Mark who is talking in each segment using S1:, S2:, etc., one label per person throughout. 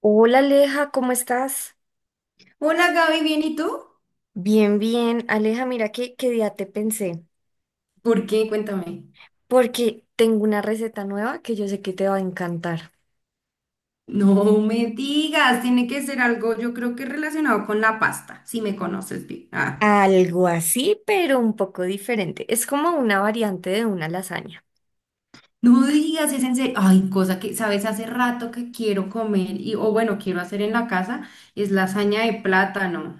S1: Hola Aleja, ¿cómo estás?
S2: Hola Gaby, ¿bien y tú?
S1: Bien, bien. Aleja, mira que día te pensé,
S2: ¿Por qué? Cuéntame.
S1: porque tengo una receta nueva que yo sé que te va a encantar.
S2: No me digas, tiene que ser algo, yo creo que relacionado con la pasta, si me conoces bien. Ah,
S1: Algo así, pero un poco diferente. Es como una variante de una lasaña.
S2: no digas, es en serio. Ay, cosa que, sabes, hace rato que quiero comer y, o bueno, quiero hacer en la casa, es lasaña de plátano.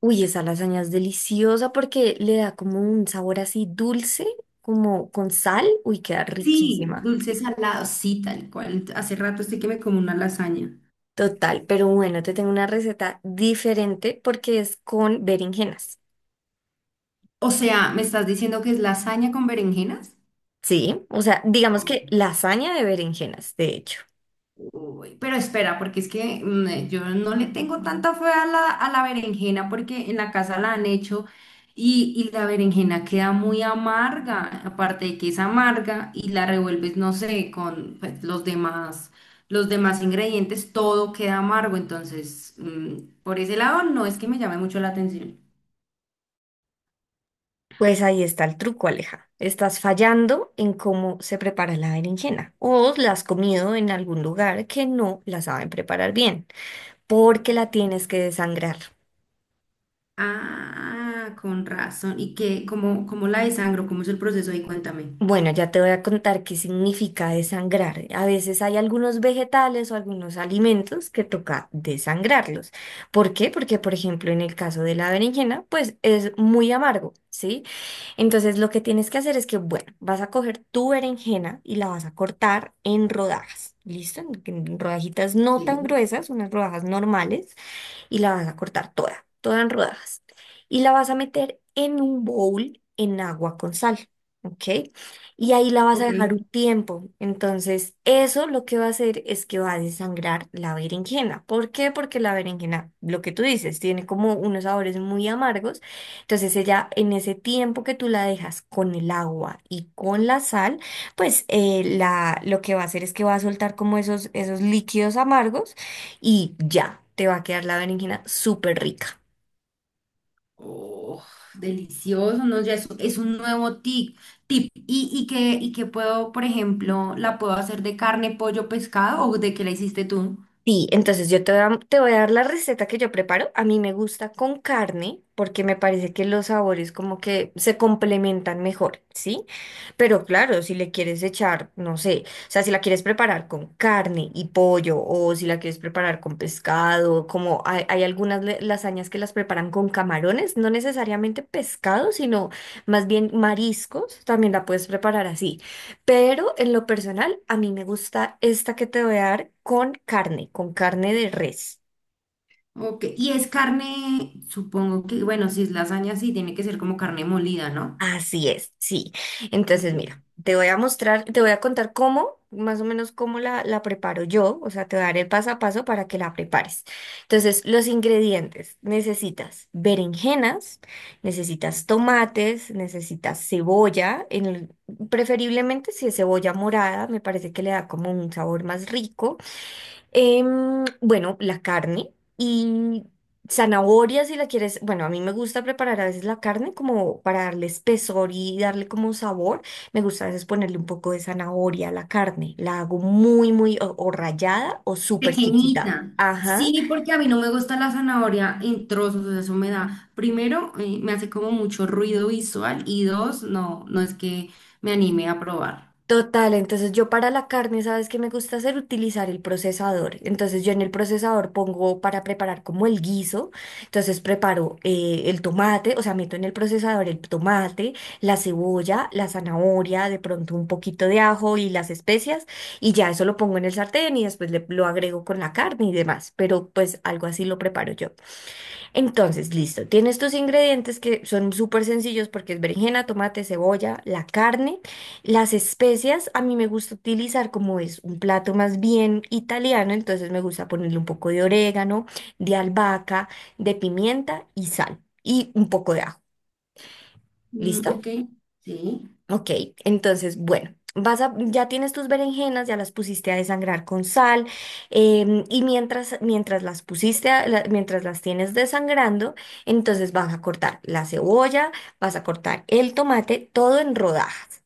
S1: Uy, esa lasaña es deliciosa porque le da como un sabor así dulce, como con sal. Uy, queda
S2: Sí,
S1: riquísima.
S2: dulce salado, sí, tal cual. Hace rato estoy que me como una lasaña.
S1: Total, pero bueno, te tengo una receta diferente porque es con berenjenas.
S2: O sea, ¿me estás diciendo que es lasaña con berenjenas?
S1: Sí, o sea, digamos que lasaña de berenjenas, de hecho.
S2: Uy, pero espera, porque es que yo no le tengo tanta fe a la berenjena porque en la casa la han hecho y la berenjena queda muy amarga, aparte de que es amarga y la revuelves, no sé, con pues, los demás ingredientes, todo queda amargo, entonces por ese lado no es que me llame mucho la atención.
S1: Pues ahí está el truco, Aleja. Estás fallando en cómo se prepara la berenjena o la has comido en algún lugar que no la saben preparar bien, porque la tienes que desangrar.
S2: Ah, con razón. ¿Y qué, cómo, cómo la desangro? ¿Cómo es el proceso ahí? Cuéntame.
S1: Bueno, ya te voy a contar qué significa desangrar. A veces hay algunos vegetales o algunos alimentos que toca desangrarlos. ¿Por qué? Porque, por ejemplo, en el caso de la berenjena, pues es muy amargo, ¿sí? Entonces, lo que tienes que hacer es que, bueno, vas a coger tu berenjena y la vas a cortar en rodajas, ¿listo? En rodajitas no
S2: Sí,
S1: tan gruesas, unas rodajas normales y la vas a cortar toda, toda en rodajas. Y la vas a meter en un bowl en agua con sal, ¿ok? Y ahí la vas a
S2: ok.
S1: dejar un tiempo. Entonces, eso lo que va a hacer es que va a desangrar la berenjena. ¿Por qué? Porque la berenjena, lo que tú dices, tiene como unos sabores muy amargos. Entonces, ella en ese tiempo que tú la dejas con el agua y con la sal, pues la, lo que va a hacer es que va a soltar como esos, esos líquidos amargos y ya, te va a quedar la berenjena súper rica.
S2: Oh, delicioso, ¿no? Ya es un nuevo tip. Y que puedo, por ejemplo, la puedo hacer de carne, pollo, pescado o de qué la hiciste tú?
S1: Sí, entonces yo te voy a dar la receta que yo preparo. A mí me gusta con carne porque me parece que los sabores como que se complementan mejor, ¿sí? Pero claro, si le quieres echar, no sé, o sea, si la quieres preparar con carne y pollo o si la quieres preparar con pescado, como hay algunas lasañas que las preparan con camarones, no necesariamente pescado, sino más bien mariscos, también la puedes preparar así. Pero en lo personal, a mí me gusta esta que te voy a dar con carne de res.
S2: Ok, y es carne, supongo que, bueno, si es lasaña, sí, tiene que ser como carne molida, ¿no?
S1: Así es, sí. Entonces,
S2: Ok.
S1: mira, te voy a mostrar, te voy a contar cómo, más o menos cómo la, la preparo yo. O sea, te voy a dar el paso a paso para que la prepares. Entonces, los ingredientes. Necesitas berenjenas, necesitas tomates, necesitas cebolla, preferiblemente si es cebolla morada, me parece que le da como un sabor más rico. Bueno, la carne y zanahoria si la quieres. Bueno, a mí me gusta preparar a veces la carne como para darle espesor y darle como sabor. Me gusta a veces ponerle un poco de zanahoria a la carne. La hago muy, muy o rallada o súper chiquita.
S2: Pequeñita.
S1: Ajá.
S2: Sí, porque a mí no me gusta la zanahoria en trozos, eso me da, primero, me hace como mucho ruido visual y dos, no, no es que me anime a probar.
S1: Total, entonces yo para la carne, ¿sabes qué me gusta hacer? Utilizar el procesador. Entonces yo en el procesador pongo para preparar como el guiso. Entonces preparo el tomate, o sea, meto en el procesador el tomate, la cebolla, la zanahoria, de pronto un poquito de ajo y las especias. Y ya eso lo pongo en el sartén y después lo agrego con la carne y demás. Pero pues algo así lo preparo yo. Entonces, listo, tienes tus ingredientes que son súper sencillos porque es berenjena, tomate, cebolla, la carne, las especias, a mí me gusta utilizar como es un plato más bien italiano, entonces me gusta ponerle un poco de orégano, de albahaca, de pimienta y sal y un poco de ajo. ¿Listo?
S2: Ok, sí.
S1: Ok, entonces, bueno, vas a, ya tienes tus berenjenas, ya las pusiste a desangrar con sal, y mientras las pusiste, mientras las tienes desangrando, entonces vas a cortar la cebolla, vas a cortar el tomate, todo en rodajas,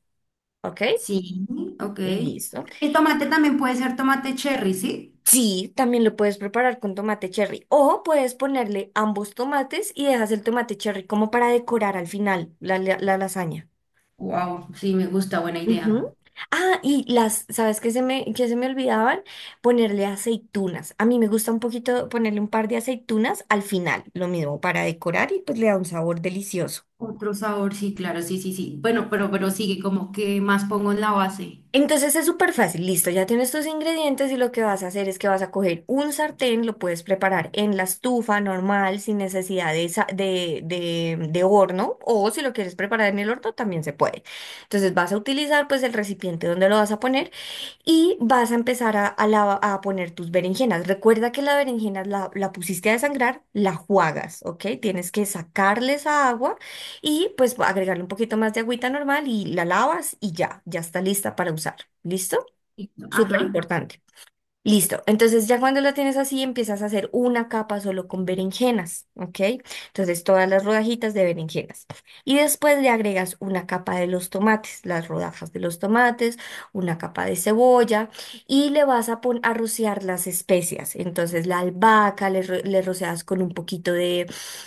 S1: ¿ok?
S2: Sí, ok.
S1: Listo.
S2: El tomate también puede ser tomate cherry, ¿sí?
S1: Sí, también lo puedes preparar con tomate cherry o puedes ponerle ambos tomates y dejas el tomate cherry como para decorar al final la lasaña.
S2: Wow, sí, me gusta, buena idea.
S1: Ujú. Ah, y las, ¿sabes qué se me olvidaban? Ponerle aceitunas. A mí me gusta un poquito ponerle un par de aceitunas al final, lo mismo para decorar y pues le da un sabor delicioso.
S2: Otro sabor, sí, claro, sí, sí, sí. Bueno, pero sigue como que más pongo en la base.
S1: Entonces es súper fácil, listo, ya tienes tus ingredientes y lo que vas a hacer es que vas a coger un sartén, lo puedes preparar en la estufa normal sin necesidad de, sa- de horno o si lo quieres preparar en el horno también se puede. Entonces vas a utilizar pues el recipiente donde lo vas a poner. Y vas a empezar a poner tus berenjenas. Recuerda que la berenjena la pusiste a desangrar, la juagas, ¿ok? Tienes que sacarle esa agua y pues agregarle un poquito más de agüita normal y la lavas y ya, ya está lista para usar. ¿Listo?
S2: Y-
S1: Súper
S2: Ajá,
S1: importante. Listo. Entonces ya cuando la tienes así, empiezas a hacer una capa solo con berenjenas, ¿ok? Entonces todas las rodajitas de berenjenas. Y después le agregas una capa de los tomates, las rodajas de los tomates, una capa de cebolla y le vas a, a rociar las especias. Entonces la albahaca le, le rocias con un poquito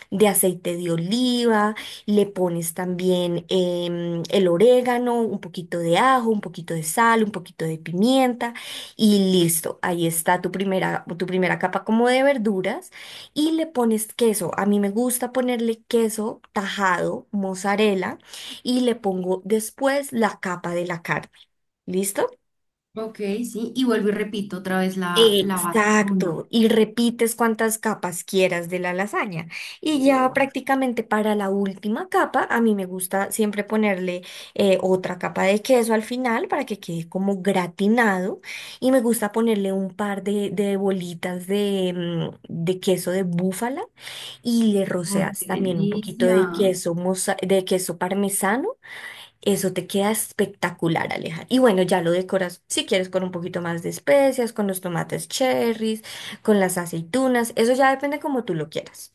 S1: de aceite de oliva, le pones también el orégano, un poquito de ajo, un poquito de sal, un poquito de pimienta. Y listo, ahí está tu primera capa como de verduras y le pones queso. A mí me gusta ponerle queso tajado, mozzarella y le pongo después la capa de la carne. ¿Listo?
S2: ok, sí. Y vuelvo y repito otra vez la base. Uno.
S1: Exacto, y repites cuantas capas quieras de la lasaña. Y ya
S2: Oh,
S1: prácticamente para la última capa, a mí me gusta siempre ponerle otra capa de queso al final para que quede como gratinado. Y me gusta ponerle un par de bolitas de, de queso de búfala y le
S2: oh,
S1: roceas
S2: qué
S1: también un poquito de
S2: delicia.
S1: queso, de queso parmesano. Eso te queda espectacular, Aleja. Y bueno, ya lo decoras si quieres con un poquito más de especias, con los tomates cherries, con las aceitunas. Eso ya depende como tú lo quieras.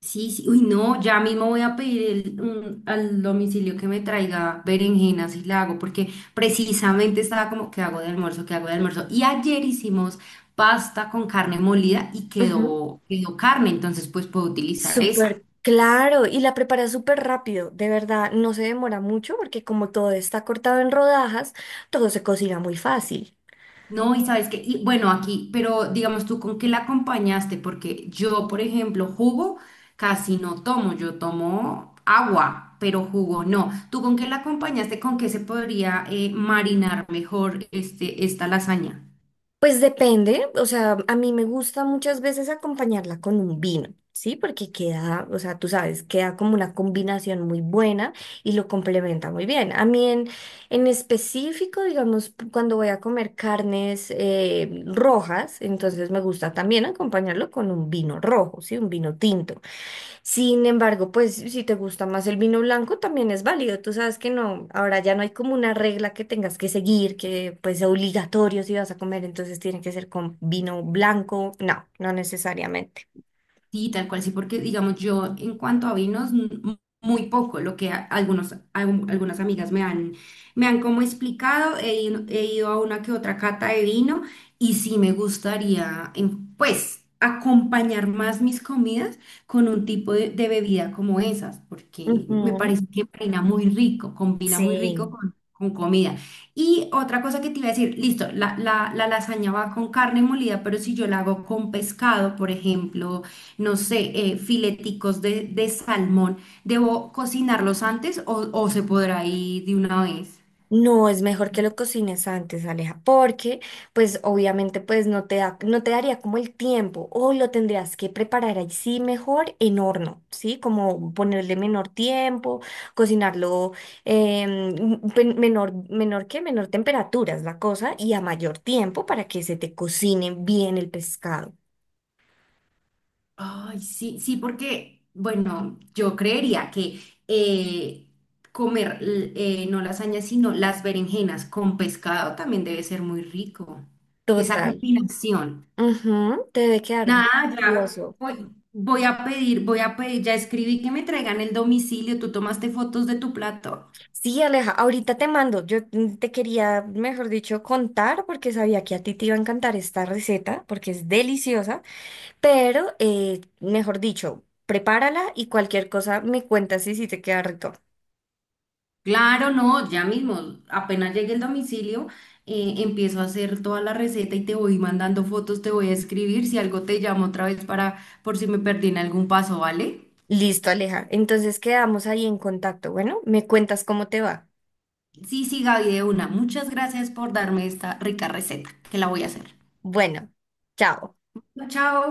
S2: Sí, sí, uy, no, ya mismo voy a pedir el- un- al domicilio que me traiga berenjenas y la hago, porque precisamente estaba como, ¿qué hago de almuerzo? ¿Qué hago de almuerzo? Y ayer hicimos pasta con carne molida y
S1: Ujú.
S2: quedó carne, entonces pues puedo utilizar esa.
S1: Súper claro. Y la preparas súper rápido. De verdad, no se demora mucho porque como todo está cortado en rodajas, todo se cocina muy fácil.
S2: No, y sabes que, y bueno, aquí, pero digamos tú, ¿con qué la acompañaste? Porque yo, por ejemplo, jugo casi no tomo, yo tomo agua, pero jugo no. ¿Tú con qué la acompañaste? ¿Con qué se podría marinar mejor este, esta lasaña?
S1: Pues depende, o sea, a mí me gusta muchas veces acompañarla con un vino, ¿sí? Porque queda, o sea, tú sabes, queda como una combinación muy buena y lo complementa muy bien. A mí en específico, digamos, cuando voy a comer carnes rojas, entonces me gusta también acompañarlo con un vino rojo, ¿sí? Un vino tinto. Sin embargo, pues si te gusta más el vino blanco, también es válido. Tú sabes que no, ahora ya no hay como una regla que tengas que seguir, que pues sea obligatorio si vas a comer, entonces tiene que ser con vino blanco. No, no necesariamente.
S2: Sí, tal cual, sí, porque digamos, yo en cuanto a vinos, m- muy poco, lo que a- algunos, algún- algunas amigas me han como explicado, he ido a una que otra cata de vino y sí me gustaría, pues, acompañar más mis comidas con un tipo de bebida como esas, porque me
S1: Ujú.
S2: parece que combina muy rico
S1: Sí.
S2: con comida. Y otra cosa que te iba a decir, listo, la lasaña va con carne molida, pero si yo la hago con pescado, por ejemplo, no sé, fileticos de salmón, ¿debo cocinarlos antes o se podrá ir de una vez?
S1: No, es mejor que lo cocines antes, Aleja, porque pues obviamente pues no te da, no te daría como el tiempo o lo tendrías que preparar ahí sí mejor en horno, ¿sí? Como ponerle menor tiempo, cocinarlo menor, menor que menor temperatura es la cosa y a mayor tiempo para que se te cocine bien el pescado.
S2: Ay, sí, sí, porque, bueno, yo creería que eh, comer l- no lasañas, sino las berenjenas con pescado también debe ser muy rico. Esa
S1: Total.
S2: combinación.
S1: Ujú, te debe quedar
S2: Nada, ya
S1: delicioso.
S2: voy, voy a pedir, ya escribí que me traigan el domicilio, tú tomaste fotos de tu plato.
S1: Sí, Aleja, ahorita te mando. Yo te quería, mejor dicho, contar porque sabía que a ti te iba a encantar esta receta porque es deliciosa, pero, mejor dicho, prepárala y cualquier cosa me cuentas y si te queda rico.
S2: Claro, no, ya mismo, apenas llegue el domicilio, empiezo a hacer toda la receta y te voy mandando fotos, te voy a escribir, si algo te llamo otra vez para, por si me perdí en algún paso, ¿vale?
S1: Listo, Aleja. Entonces quedamos ahí en contacto. Bueno, me cuentas cómo te va.
S2: Sí, sí, Gaby, de una. Muchas gracias por darme esta rica receta, que la voy a hacer.
S1: Bueno, chao.
S2: Chao.